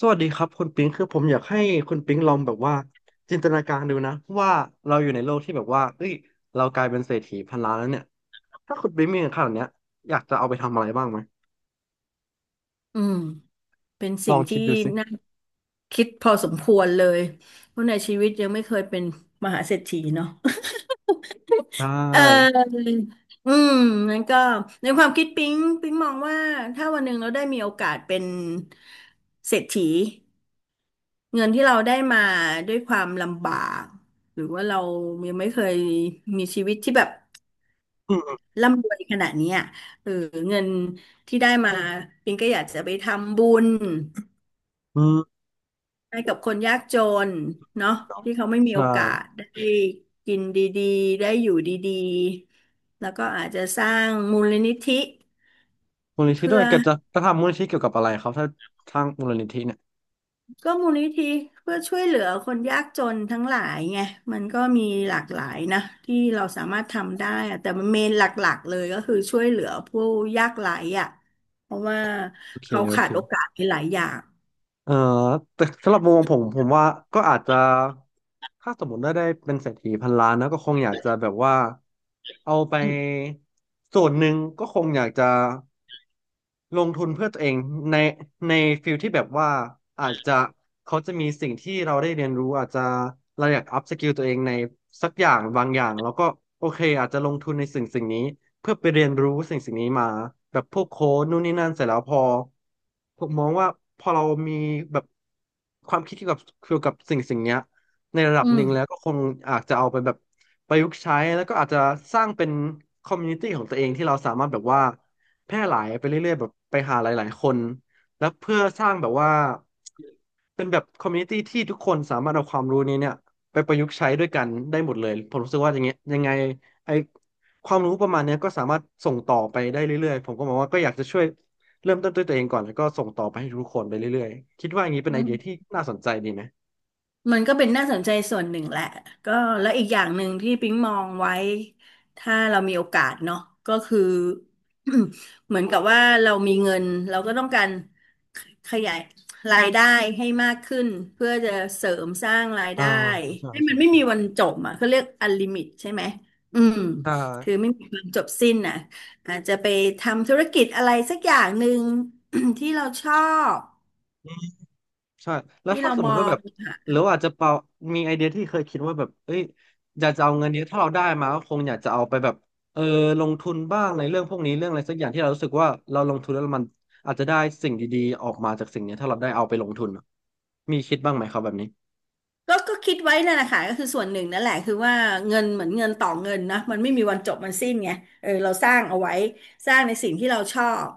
สวัสดีครับคุณปิงคือผมอยากให้คุณปิงลองแบบว่าจินตนาการดูนะว่าเราอยู่ในโลกที่แบบว่าเอ้ยเรากลายเป็นเศรษฐีพันล้านแล้วเนี่ยถ้าคุณปิงมีเงินขนาดเนี้ยอยากจะเอาไปทำอะไรบ้างไหมอืมเป็นลอสิ่งงคิที่ดดูสิน่าคิดพอสมควรเลยเพราะในชีวิตยังไม่เคยเป็นมหาเศรษฐีเนาะ ได เ้อออืมนั้นก็ในความคิดปิ๊งมองว่าถ้าวันหนึ่งเราได้มีโอกาสเป็นเศรษฐีเงินที่เราได้มาด้วยความลำบากหรือว่าเรายังไม่เคยมีชีวิตที่แบบอืมร่ำรวยขนาดเนี้ยเออเงินที่ได้มาปิ๊งก็อยากจะไปทำบุญ อืมให้กับคนยากจนเนาะที่เขาไม่มีใช่โอกาสได้กินดีๆได้อยู่ดีๆแล้วก็อาจจะสร้างมูลนิธิมูลนิธิเพื่ด้วอยแกจะทำมูลนิธิเกี่ยวกับอะไรครับถ้าทางมูลนิธิเนี่ยก็มูลนิธิเพื่อช่วยเหลือคนยากจนทั้งหลายไงมันก็มีหลากหลายนะที่เราสามารถทำได้อะแต่มันเมนหลักๆเลยก็คือช่วยเหลือผู้ยากไร้อ่ะเพราะว่าโอเคเขาโอขาเค ดโอกาสในหลายอย่างเออแต่สำหรับมุมมองผมผมว่าก็อาจจะถ้าสมมติได้เป็นเศรษฐีพันล้านนะก็คงอยากจะแบบว่าเอาไปอืส่วนหนึ่งก็คงอยากจะ ลงทุนเพื่อตัวเองในในฟิลที่แบบว่าอาจจะเขาจะมีสิ่งที่เราได้เรียนรู้อาจจะเราอยากอัพสกิลตัวเองในสักอย่างบางอย่างแล้วก็โอเคอาจจะลงทุนในสิ่งสิ่งนี้เพื่อไปเรียนรู้สิ่งสิ่งนี้มาแบบพวกโค้ดนู่นนี่นั่นเสร็จแล้วพอผมมองว่าพอเรามีแบบความคิดเกี่ยวกับสิ่งสิ่งเนี้ยในระดับมหนึ่งแล้วก็คงอาจจะเอาไปแบบประยุกต์ใช้แล้วก็อาจจะสร้างเป็นคอมมูนิตี้ของตัวเองที่เราสามารถแบบว่า แพร่หลายไปเรื่อยๆแบบไปหาหลายๆคนแล้วเพื่อสร้างแบบว่าเป็นแบบคอมมูนิตี้ที่ทุกคนสามารถเอาความรู้นี้เนี่ยไปประยุกต์ใช้ด้วยกันได้หมดเลยผมรู้สึกว่าอย่างเงี้ยยังไงไอความรู้ประมาณเนี้ยก็สามารถส่งต่อไปได้เรื่อยๆผมก็มองว่าก็อยากจะช่วยเริ่มต้นด้วยตัวเองก่อนแล้วก็ส่งต่อไปให้ทุกคนไปเรื่อยๆคิดว่าอย่างนี้เป็อืนไอม เดียที่น่าสนใจดีไหมมันก็เป็นน่าสนใจส่วนหนึ่งแหละก็แล้วอีกอย่างหนึ่งที่ปิ๊งมองไว้ถ้าเรามีโอกาสเนาะก็คือ เหมือนกับว่าเรามีเงินเราก็ต้องการขขยายรายได้ให้มากขึ้นเพื่อจะเสริมสร้างรายอ่าได้ใช่ให้มัใช่นไม่ใช่มีวันจบอ่ะเขาเรียกลิมิตใช่ไหมอืมใช่ คือไม่มีวันจบสิ้นอ่ะอาจจะไปทำธุรกิจอะไรสักอย่างหนึ่ง ที่เราชอบใช่แล้วที่ถ้าเราสมมมอติว่าง แบบหรือว่าอาจจะเปามีไอเดียที่เคยคิดว่าแบบเอ้ยอยากจะเอาเงินเนี้ยถ้าเราได้มาก็คงอยากจะเอาไปแบบเออลงทุนบ้างในเรื่องพวกนี้เรื่องอะไรสักอย่างที่เรารู้สึกว่าเราลงทุนแล้วมันอาจจะได้สิ่งดีๆออกมาจากสิ่งเนี้ยถ้าเราได้เอาไปลงทุนอะมีคิดบ้างไหมครับแบบนี้ก็ก็คิดไว้นั่นแหละค่ะก็คือส่วนหนึ่งนั่นแหละคือว่าเงินเหมือนเงินต่อเงินนะมันไม่มีวันจบมันสิ้นไงเออเราสร้างเอาไว้สร้างในสิ่งที่เราชอบ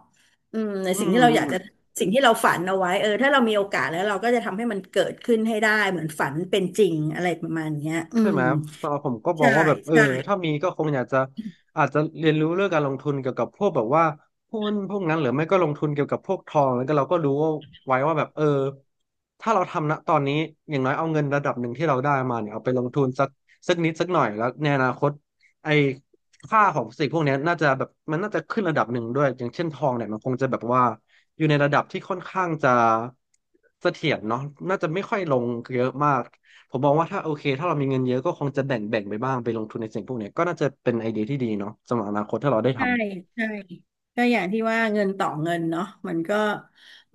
อืมในอืสิ่งที่เราอยากจะม สิ่งที่เราฝันเอาไว้เออถ้าเรามีโอกาสแล้วเราก็จะทำให้มันเกิดขึ้นให้ได้เหมือนฝันเป็นจริงอะไรประมาณเนี้ยอืใช่มไหมสำหรับผมก็มอใช่งว่าแบบเออใช่ ถ้ามีก็คงอยากจะอาจจะเรียนรู้เรื่องการลงทุนเกี่ยวกับพวกแบบว่าหุ้นพวกนั้นหรือไม่ก็ลงทุนเกี่ยวกับพวกทองแล้วก็เราก็รู้ว่าไว้ว่าแบบเออถ้าเราทำณตอนนี้อย่างน้อยเอาเงินระดับหนึ่งที่เราได้มาเนี่ยเอาไปลงทุนสักสักนิดสักหน่อยแล้วในอนาคตไอ้ค่าของสิ่งพวกเนี้ยน่าจะแบบมันน่าจะขึ้นระดับหนึ่งด้วยอย่างเช่นทองเนี่ยมันคงจะแบบว่าอยู่ในระดับที่ค่อนข้างจะเสถียรเนาะน่าจะไม่ค่อยลงเยอะมาก ผมมองว่าถ้าโอเคถ้าเรามีเงินเยอะก็คงจะแบ่งไปบ้างไปลงทุนในสิ่งพวกเนี้ยก็น่าจะเป็นไอเดียที่ดีเนาะสำหรับอนาคตถ้าเราได้ทำใช่ใช่ก็อย่างที่ว่าเงินต่อเงินเนาะมันก็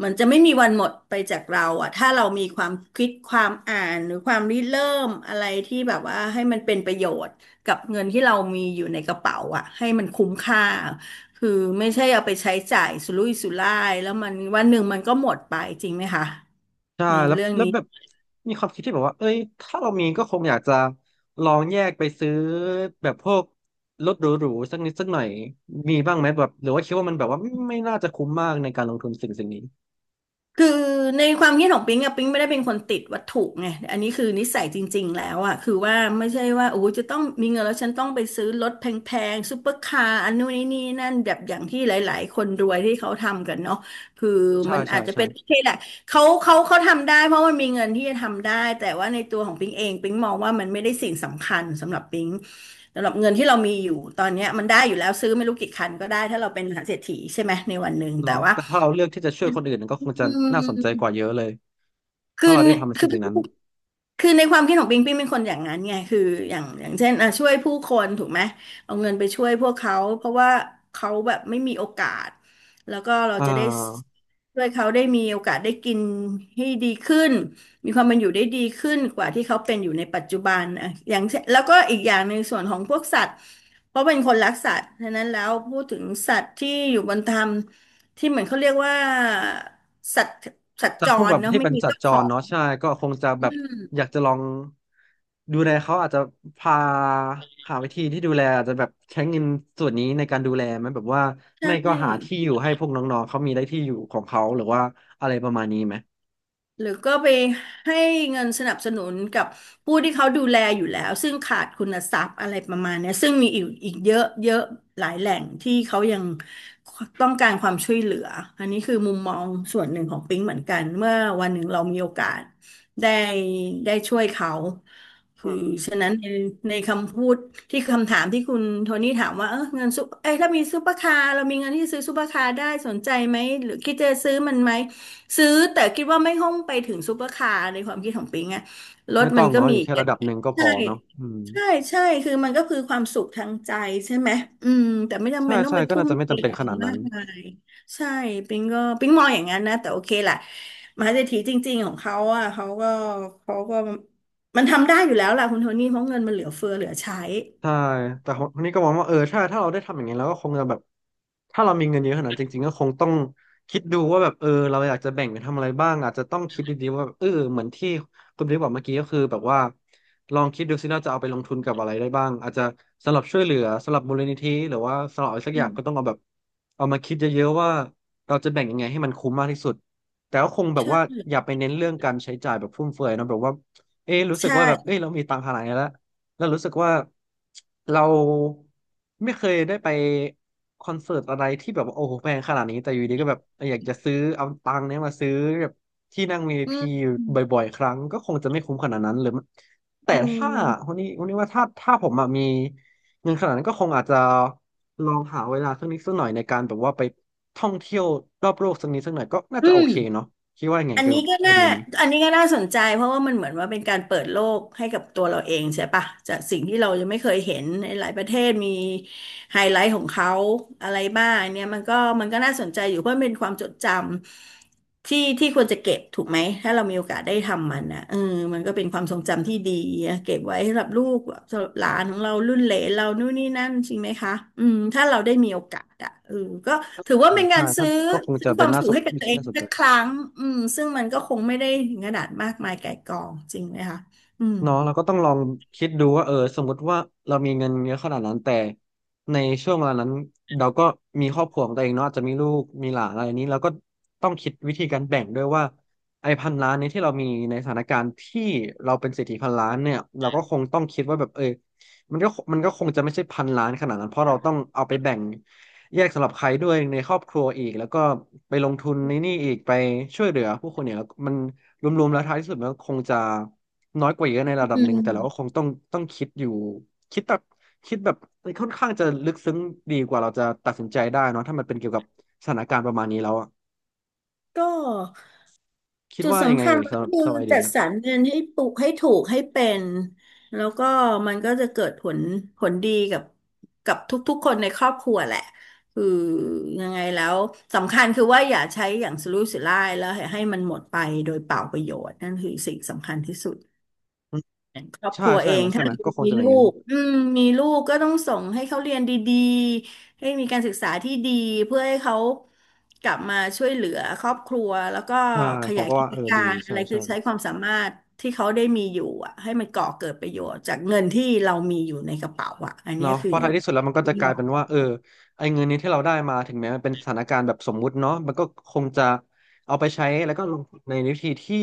มันจะไม่มีวันหมดไปจากเราอะถ้าเรามีความคิดความอ่านหรือความริเริ่มอะไรที่แบบว่าให้มันเป็นประโยชน์กับเงินที่เรามีอยู่ในกระเป๋าอะให้มันคุ้มค่าคือไม่ใช่เอาไปใช้จ่ายสุรุ่ยสุร่ายแล้วมันวันหนึ่งมันก็หมดไปจริงไหมคะใช่ในแล้วเรื่องแล้วนี้ แบบมีความคิดที่แบบว่าเอ้ยถ้าเรามีก็คงอยากจะลองแยกไปซื้อแบบพวกรถหรูๆสักนิดสักหน่อยมีบ้างไหมแบบหรือว่าคิดว่ามันแบบว่าไม่น่าจะคุ้มมากในการลงทุนสิ่งสิ่งนี้คือในความคิดของปิ๊งอะปิ๊งไม่ได้เป็นคนติดวัตถุไงอันนี้คือนิสัยจริงๆแล้วอะคือว่าไม่ใช่ว่าโอ้ยจะต้องมีเงินแล้วฉันต้องไปซื้อรถแพงๆซูเปอร์คาร์อันนู้นนี่นี่นั่นแบบอย่างที่หลายๆคนรวยที่เขาทำกันเนาะคือใช่มันใช่อาจจะใช่เป็นโอเคแหละเขาทำได้เพราะมันมีเงินที่จะทำได้แต่ว่าในตัวของปิ๊งเองปิ๊งมองว่ามันไม่ได้สิ่งสำคัญสำหรับปิ๊งสำหรับเงินที่เรามีอยู่ตอนเนี้ยมันได้อยู่แล้วซื้อไม่รู้กี่คันก็ได้ถ้าเราเป็นมหาเศรษฐีใช่ไหมในวันหนึ่งแต่เนาะว่าแต่ถ้าเราเลือกที่จะช่วยคนอื่นก็คอืงจะน่าสนใจกว่าเยม อะเลยคือถ้าเราได้ทำในคือสิ่งๆนั้นคือในความคิดของปิงปิงเป็นคนอย่างนั้นไงคืออย่างอย่างเช่นอ่ะช่วยผู้คนถูกไหมเอาเงินไปช่วยพวกเขาเพราะว่าเขาแบบไม่มีโอกาสแล้วก็เราอ่จะได้า ช่วยเขาได้มีโอกาสได้กินให้ดีขึ้นมีความเป็นอยู่ได้ดีขึ้นกว่าที่เขาเป็นอยู่ในปัจจุบันอ่ะอย่างเช่นแล้วก็อีกอย่างในงส่วนของพวกสัตว์เพราะเป็นคนรักสัตว์ฉะนั้นแล้วพูดถึงสัตว์ที่อยู่บนธรรมที่เหมือนเขาเรียกว่าสัตว์สัตว์แต่จพวกรแบบเนาะที่ไม่เป็นมีสัตเจ้าว์จขอรง เนาะใช่ก็คงจะแบอืบอยามกจะลองดูแลเขาอาจจะพาหาวิธีที่ดูแลอาจจะแบบใช้เงินส่วนนี้ในการดูแลไหมแบบว่าใชไม่ก็หา่ที่อยู่ให้พวกน้องๆเขามีได้ที่อยู่ของเขาหรือว่าอะไรประมาณนี้ไหมหรือก็ไปให้เงินสนับสนุนกับผู้ที่เขาดูแลอยู่แล้วซึ่งขาดคุณทรัพย์อะไรประมาณเนี้ยซึ่งมีอีกเยอะเยอะหลายแหล่งที่เขายังต้องการความช่วยเหลืออันนี้คือมุมมองส่วนหนึ่งของปิ๊งเหมือนกันเมื่อวันหนึ่งเรามีโอกาสได้ได้ช่วยเขาคือฉะนั้นในในคำพูดที่คำถามที่คุณโทนี่ถามว่าเออเงินซุปเอ้ยถ้ามีซุปเปอร์คาร์เรามีเงินที่จะซื้อซุปเปอร์คาร์ได้สนใจไหมหรือคิดจะซื้อมันไหม ซื้อแต่คิดว่าไม่ห้องไปถึงซูเปอร์คาร์ในความคิดของปิงอะรถไม่มัต้อนงก็เนาะมีอยู่อีกแค่ระดับหนึ่งก็พใช่อเนาะอืมใช่ใช่คือมันก็คือความสุขทางใจใช่ไหมอืมแต่ไม่จำใช่เป็นต้องใช่ไปก็ทุ่น่ามจะไม่เทจำเป็นอะขไรนาดมานั้น กมายใช่ปิงก็ปิงมองอย่างนั้นนะแต่โอเคแหละมหาเศรษฐีจริงๆของเขาอ่ะเขาก็มันทำได้อยู่แล้วล่ะคุณโทนี่เพราะเงินมันเหลือเฟือเหลือใช้ใช่แต่คนนี้ก็มองว่าเออใช่ถ้าเราได้ทำอย่างนี้เราก็คงจะแบบถ้าเรามีเงินเยอะขนาดนั้นจริงๆก็คงต้องคิดดูว่าแบบเออเราอยากจะแบ่งไปทำอะไรบ้างอาจจะต้องคิดดีๆว่าเออเหมือนที่คุณบิ๊กบอกเมื่อกี้ก็คือแบบว่าลองคิดดูซิเราจะเอาไปลงทุนกับอะไรได้บ้างอาจจะสำหรับช่วยเหลือสำหรับมูลนิธิหรือว่าสำหรับอะไรสักออืย่างมก็ต้องเอาแบบเอามาคิดเยอะๆว่าเราจะแบ่งยังไงให้มันคุ้มมากที่สุดแต่ก็คงแบบว่าใช่อย่าไปเน้นเรื่องการใช้จ่ายแบบฟุ่มเฟือยเนอะแบบว่าเอ๊ะรู้สึกใช่ว่าแบบเอ๊ะเรามีตังค์ขนาดนี้แล้ว แล้วรู้สึกว่าเราไม่เคยได้ไปคอนเสิร์ตอะไรที่แบบว่าโอ้โหแพงขนาดนี้แต่อยู่ดีก็แบบอยากจะซื้อเอาตังค์เนี้ยมาซื้อแบบที่นั่งวี i อื p มอยู่อืมบ่อยๆครั้งก็คงจะไม่คุ้มขนาดนั้นหรือมันแต่ถ้าวันนี้ว่าถ้าผมอะมีเงินขนาดนั้นก็คงอาจจะลองหาเวลาสักนิดสักหน่อยในการแบบว่าไปท่องเที่ยวรอบโลกสักนิดสักหน่อยก็น่าอืจะโอม เคเนาะคิดว่าไงอันเกี่ยวนี้กับก็ไอน่าเดียนี้อันนี้ก็น่าสนใจเพราะว่ามันเหมือนว่าเป็นการเปิดโลกให้กับตัวเราเองใช่ปะจากสิ่งที่เรายังไม่เคยเห็นในหลายประเทศมีไฮไลท์ของเขาอะไรบ้างเนี่ยมันก็น่าสนใจอยู่เพราะมันเป็นความจดจำที่ควรจะเก็บถูกไหมถ้าเรามีโอกาสได้ทำมันนะเออมันก็เป็นความทรงจำที่ดีอะเก็บไว้สำหรับลูกสำหรับหลานของเรารุ่นเหลนเรานู่นนี่นั่นจริงไหมคะอืมถ้าเราได้มีโอกาสอะ เออก็ถือว่าเป็นกาใช่รถ้าซื้อก็คงซื้จะอคเป็นวามน่าสุขสนให้กับตัวที่เองน่าสนใจ สักครั้งอืมซึ่งมันก็คงไม่ได้ถึงขนาดมากมายไก่กองจริงไหมคะอืมเนาะเราก็ต้องลองคิดดูว่าเออสมมุติว่าเรามีเงินเยอะขนาดนั้นแต่ในช่วงเวลานั้นเราก็มีครอบครัวของตัวเองเนาะอาจจะมีลูกมีหลานอะไรนี้เราก็ต้องคิดวิธีการแบ่งด้วยว่าไอ้พันล้านนี้ที่เรามีในสถานการณ์ที่เราเป็นเศรษฐีพันล้านเนี่ยเราก็คงต้องคิดว่าแบบเออมันก็คงจะไม่ใช่พันล้านขนาดนั้นเพราะเราต้องเอาไปแบ่งแยกสำหรับใครด้วยในครอบครัวอีกแล้วก็ไปลงทุนในนี่อีกไปช่วยเหลือผู้คนเนี่ยมันรวมๆแล้วท้ายที่สุดมันก็คงจะ น้อยกว่าเยอะในระดับอืหนึ่งแต่เราก็คมงต้องคิดอยู่คิดแบบคิดแบบค่อนข้างจะลึกซึ้งดีกว่าเราจะตัดสินใจได้เนอะถ้ามันเป็นเกี่ยวกับสถานการณ์ประมาณนี้แล้วอะก็คิดจุดว่ายังไงสำคัญเอ่ยก็สำหรับคือสำหรับไอเดีจัยดนะสรรเงินให้ปลูกให้ถูกให้เป็นแล้วก็มันก็จะเกิดผลดีกับทุกๆคนในครอบครัวแหละคือยังไงแล้วสำคัญคือว่าอย่าใช้อย่างสุรุ่ยสุร่ายแล้วให้มันหมดไปโดยเปล่าประโยชน์นั่นคือสิ่งสำคัญที่สุด อืมครอบคใช่รัวใช่เอไหมงใช่ถ้าไหมก็คงมีจะเป็นอลูย่างนั้นกอืมมีลูกก็ต้องส่งให้เขาเรียนดีๆให้มีการศึกษาที่ดีเพื่อให้เขากลับมาช่วยเหลือครอบครัวแล้วก็ใช่ขผมยายก็กิว่าจเออกาดีรอะใช่ไรคืใช่ อใช้ความสามารถที่เขาได้มีอยู่อะให้มันก่อเกิดประโยชน์จากเงินที่เรามีอยู่ในกระเป๋าอะอันเนี้เนาะยเพคือราะท้ายที่สุดแล้วมันก็คิจะดกลายว่าเป็นว่าเออไอ้เงินนี้ที่เราได้มาถึงแม้มันเป็นสถานการณ์แบบสมมุติเนาะมันก็คงจะเอาไปใช้แล้วก็ลงทุนในวิธีที่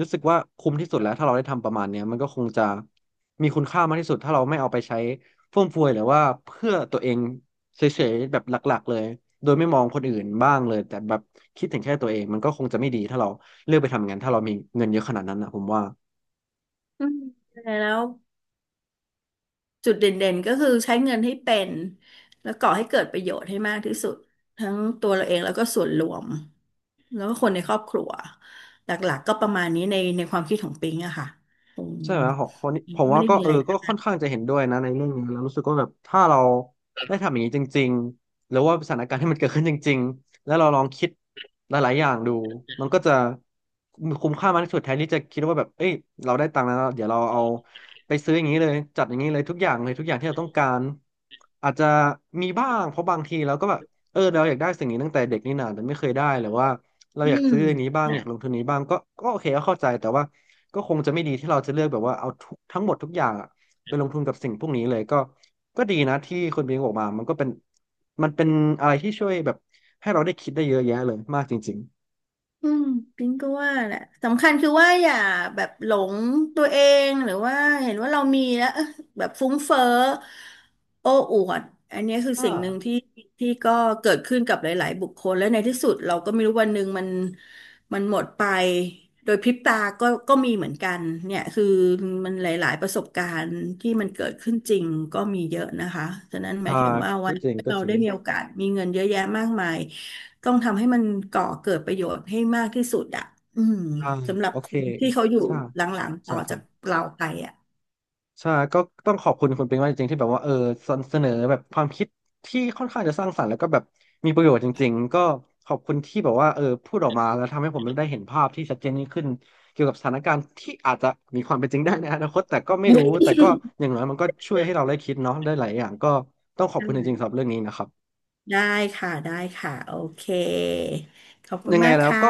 รู้สึกว่าคุ้มที่สุดแล้วถ้าเราได้ทำประมาณเนี้ยมันก็คงจะมีคุณค่ามากที่สุดถ้าเราไม่เอาไปใช้ฟุ่มเฟือยหรือว่าเพื่อตัวเองเฉยๆแบบหลักๆเลยโดยไม่มองคนอื่นบ้างเลยแต่แบบคิดถึงแค่ตัวเองมันก็คงจะไม่ดีถ้าเราเลือกไปทำงานถ้าเรามีเงินเยอะขนาดนั้นนะผมว่า อืมแล้ว จุดเด่นๆ ก็คือใช้เงินให้เป็นแล้วก่อให้เกิดประโยชน์ให้มากที่สุดทั้งตัวเราเองแล้วก็ส่วนรวมแล้วก็คนในครอบครัวหลักๆ ก็ประมาณนี้ในความคิดของปิงอะค่ะอืมใช่ไหมของคนนี้ปิผงมก็ไม่ว่าได้ก็มีเออะอไรก็ค่อนข้างจะเห็นด้วยนะในเรื่องนี้แล้วรู้สึกว่าแบบถ้าเราได้ทำอย่างนี้จริงๆหรือว่าสถานการณ์ที่มันเกิดขึ้นจริงๆแล้วเราลองคิดหลายๆอย่างดูมันก็จะคุ้มค่ามากที่สุดแทนที่จะคิดว่าแบบเอ้ยเราได้ตังค์แล้วเดี๋ยวเราเอาไปซื้ออย่างนี้เลยจัดอย่างนี้เลยทุกอย่างเลยทุกอย่างที่เราต้องการอาจจะมีบ้างเพราะบางทีเราก็แบบเออเราอยากได้สิ่งนี้ตั้งแต่เด็กนี่นาแต่ไม่เคยได้หรือว่าเราอือยากม ซื้ออันนี้บ้างอยากลงทุนนี้บ้างก็ก็โอเคก็เข้าใจแต่ว่า ก็คงจะไม่ดีที่เราจะเลือกแบบว่าเอาทุกทั้งหมดทุกอย่างอะไปลงทุนกับสิ่งพวกนี้เลยก็ก็ดีนะที่คุณบิงบอกมามันเป็นอะไรที่ช่วยแบบให้เราได้คิดได้เยอะแยะเลยมากจริงอืมปิงก็ว่าแหละสำคัญคือว่าอย่าแบบหลงตัวเองหรือว่าเห็นว่าเรามีแล้วเอ๊ะแบบฟุ้งเฟ้อโอ้อวดอันเนี้ยคือๆสิ่งหนึ่งที่ก็เกิดขึ้นกับหลายๆ บุคคลและในที่สุดเราก็ไม่รู้วันหนึ่งมันหมดไปโดยพริบตาก็ก็มีเหมือนกันเนี่ยคือมันหลายๆประสบการณ์ที่มันเกิดขึ้นจริงก็มีเยอะนะคะฉะนั้นหมาอ่ายถึงว่าวัก็นจริงก็เราจริได้งมีโอกาสมีเงินเยอะแยะมากมาย ต้องทำให้มันก่อเกิดประโยชน์ให้มากที่สุดอ่ะอืมอ่าสำหรับโอคเคนที่เขาอยู่ใช่หลังๆต่ใช่อใช่ จากเราไปอ่ะใช่ก็ต้องขอบคุณคุณเปิงมากจริงๆที่แบบว่าเออเสนอแบบความคิดที่ค่อนข้างจะสร้างสรรค์แล้วก็แบบมีประโยชน์จริงๆก็ขอบคุณที่แบบว่าเออพูดออกมาแล้วทำให้ผมได้เห็นภาพที่ชัดเจนยิ่งขึ้นเกี่ยวกับสถานการณ์ที่อาจจะมีความเป็นจริงได้ในอนาคตแต่ก็ไม่รู้แต่ก็อย่างน้อยมันก็ช่วยให้เราได้คิดเนาะได้หลายอย่างก็ต้องขอบคุณจริงๆสำหรับเรื่องนี้นะครับได้ได้ค่ะได้ค่ะโอเคขอบคุยัณงไงมากแล้วค่ะก็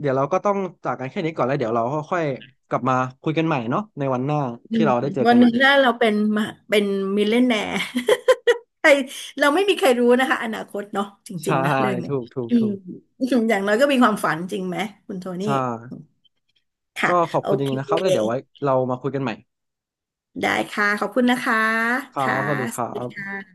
เดี๋ยวเราก็ต้องจากกันแค่นี้ก่อนแล้วเดี๋ยวเราค่อยๆกลับมาคุยกันใหม่เนาะในวันหน้าอืที่มเราได้เจอวักันนหอีนี้กถ้าเราเป็นมาเป็นมิลเลนแนร์ ใครเราไม่มีใครรู้นะคะอนาคตเนาะจริใช่งๆนะเรื่องเนี้ย ถูก อย่างน้อยก็มีความฝันจริงไหมคุณโทนี่ใช่ ค่ะก็ขอบโอคุณจเคริงๆนะครับแล้วเดี๋ยวไว้เรามาคุยกันใหม่ได้ค่ะขอบคุณนะคะครัค่ะบสวัสดีคสรัวัสดีค่บะ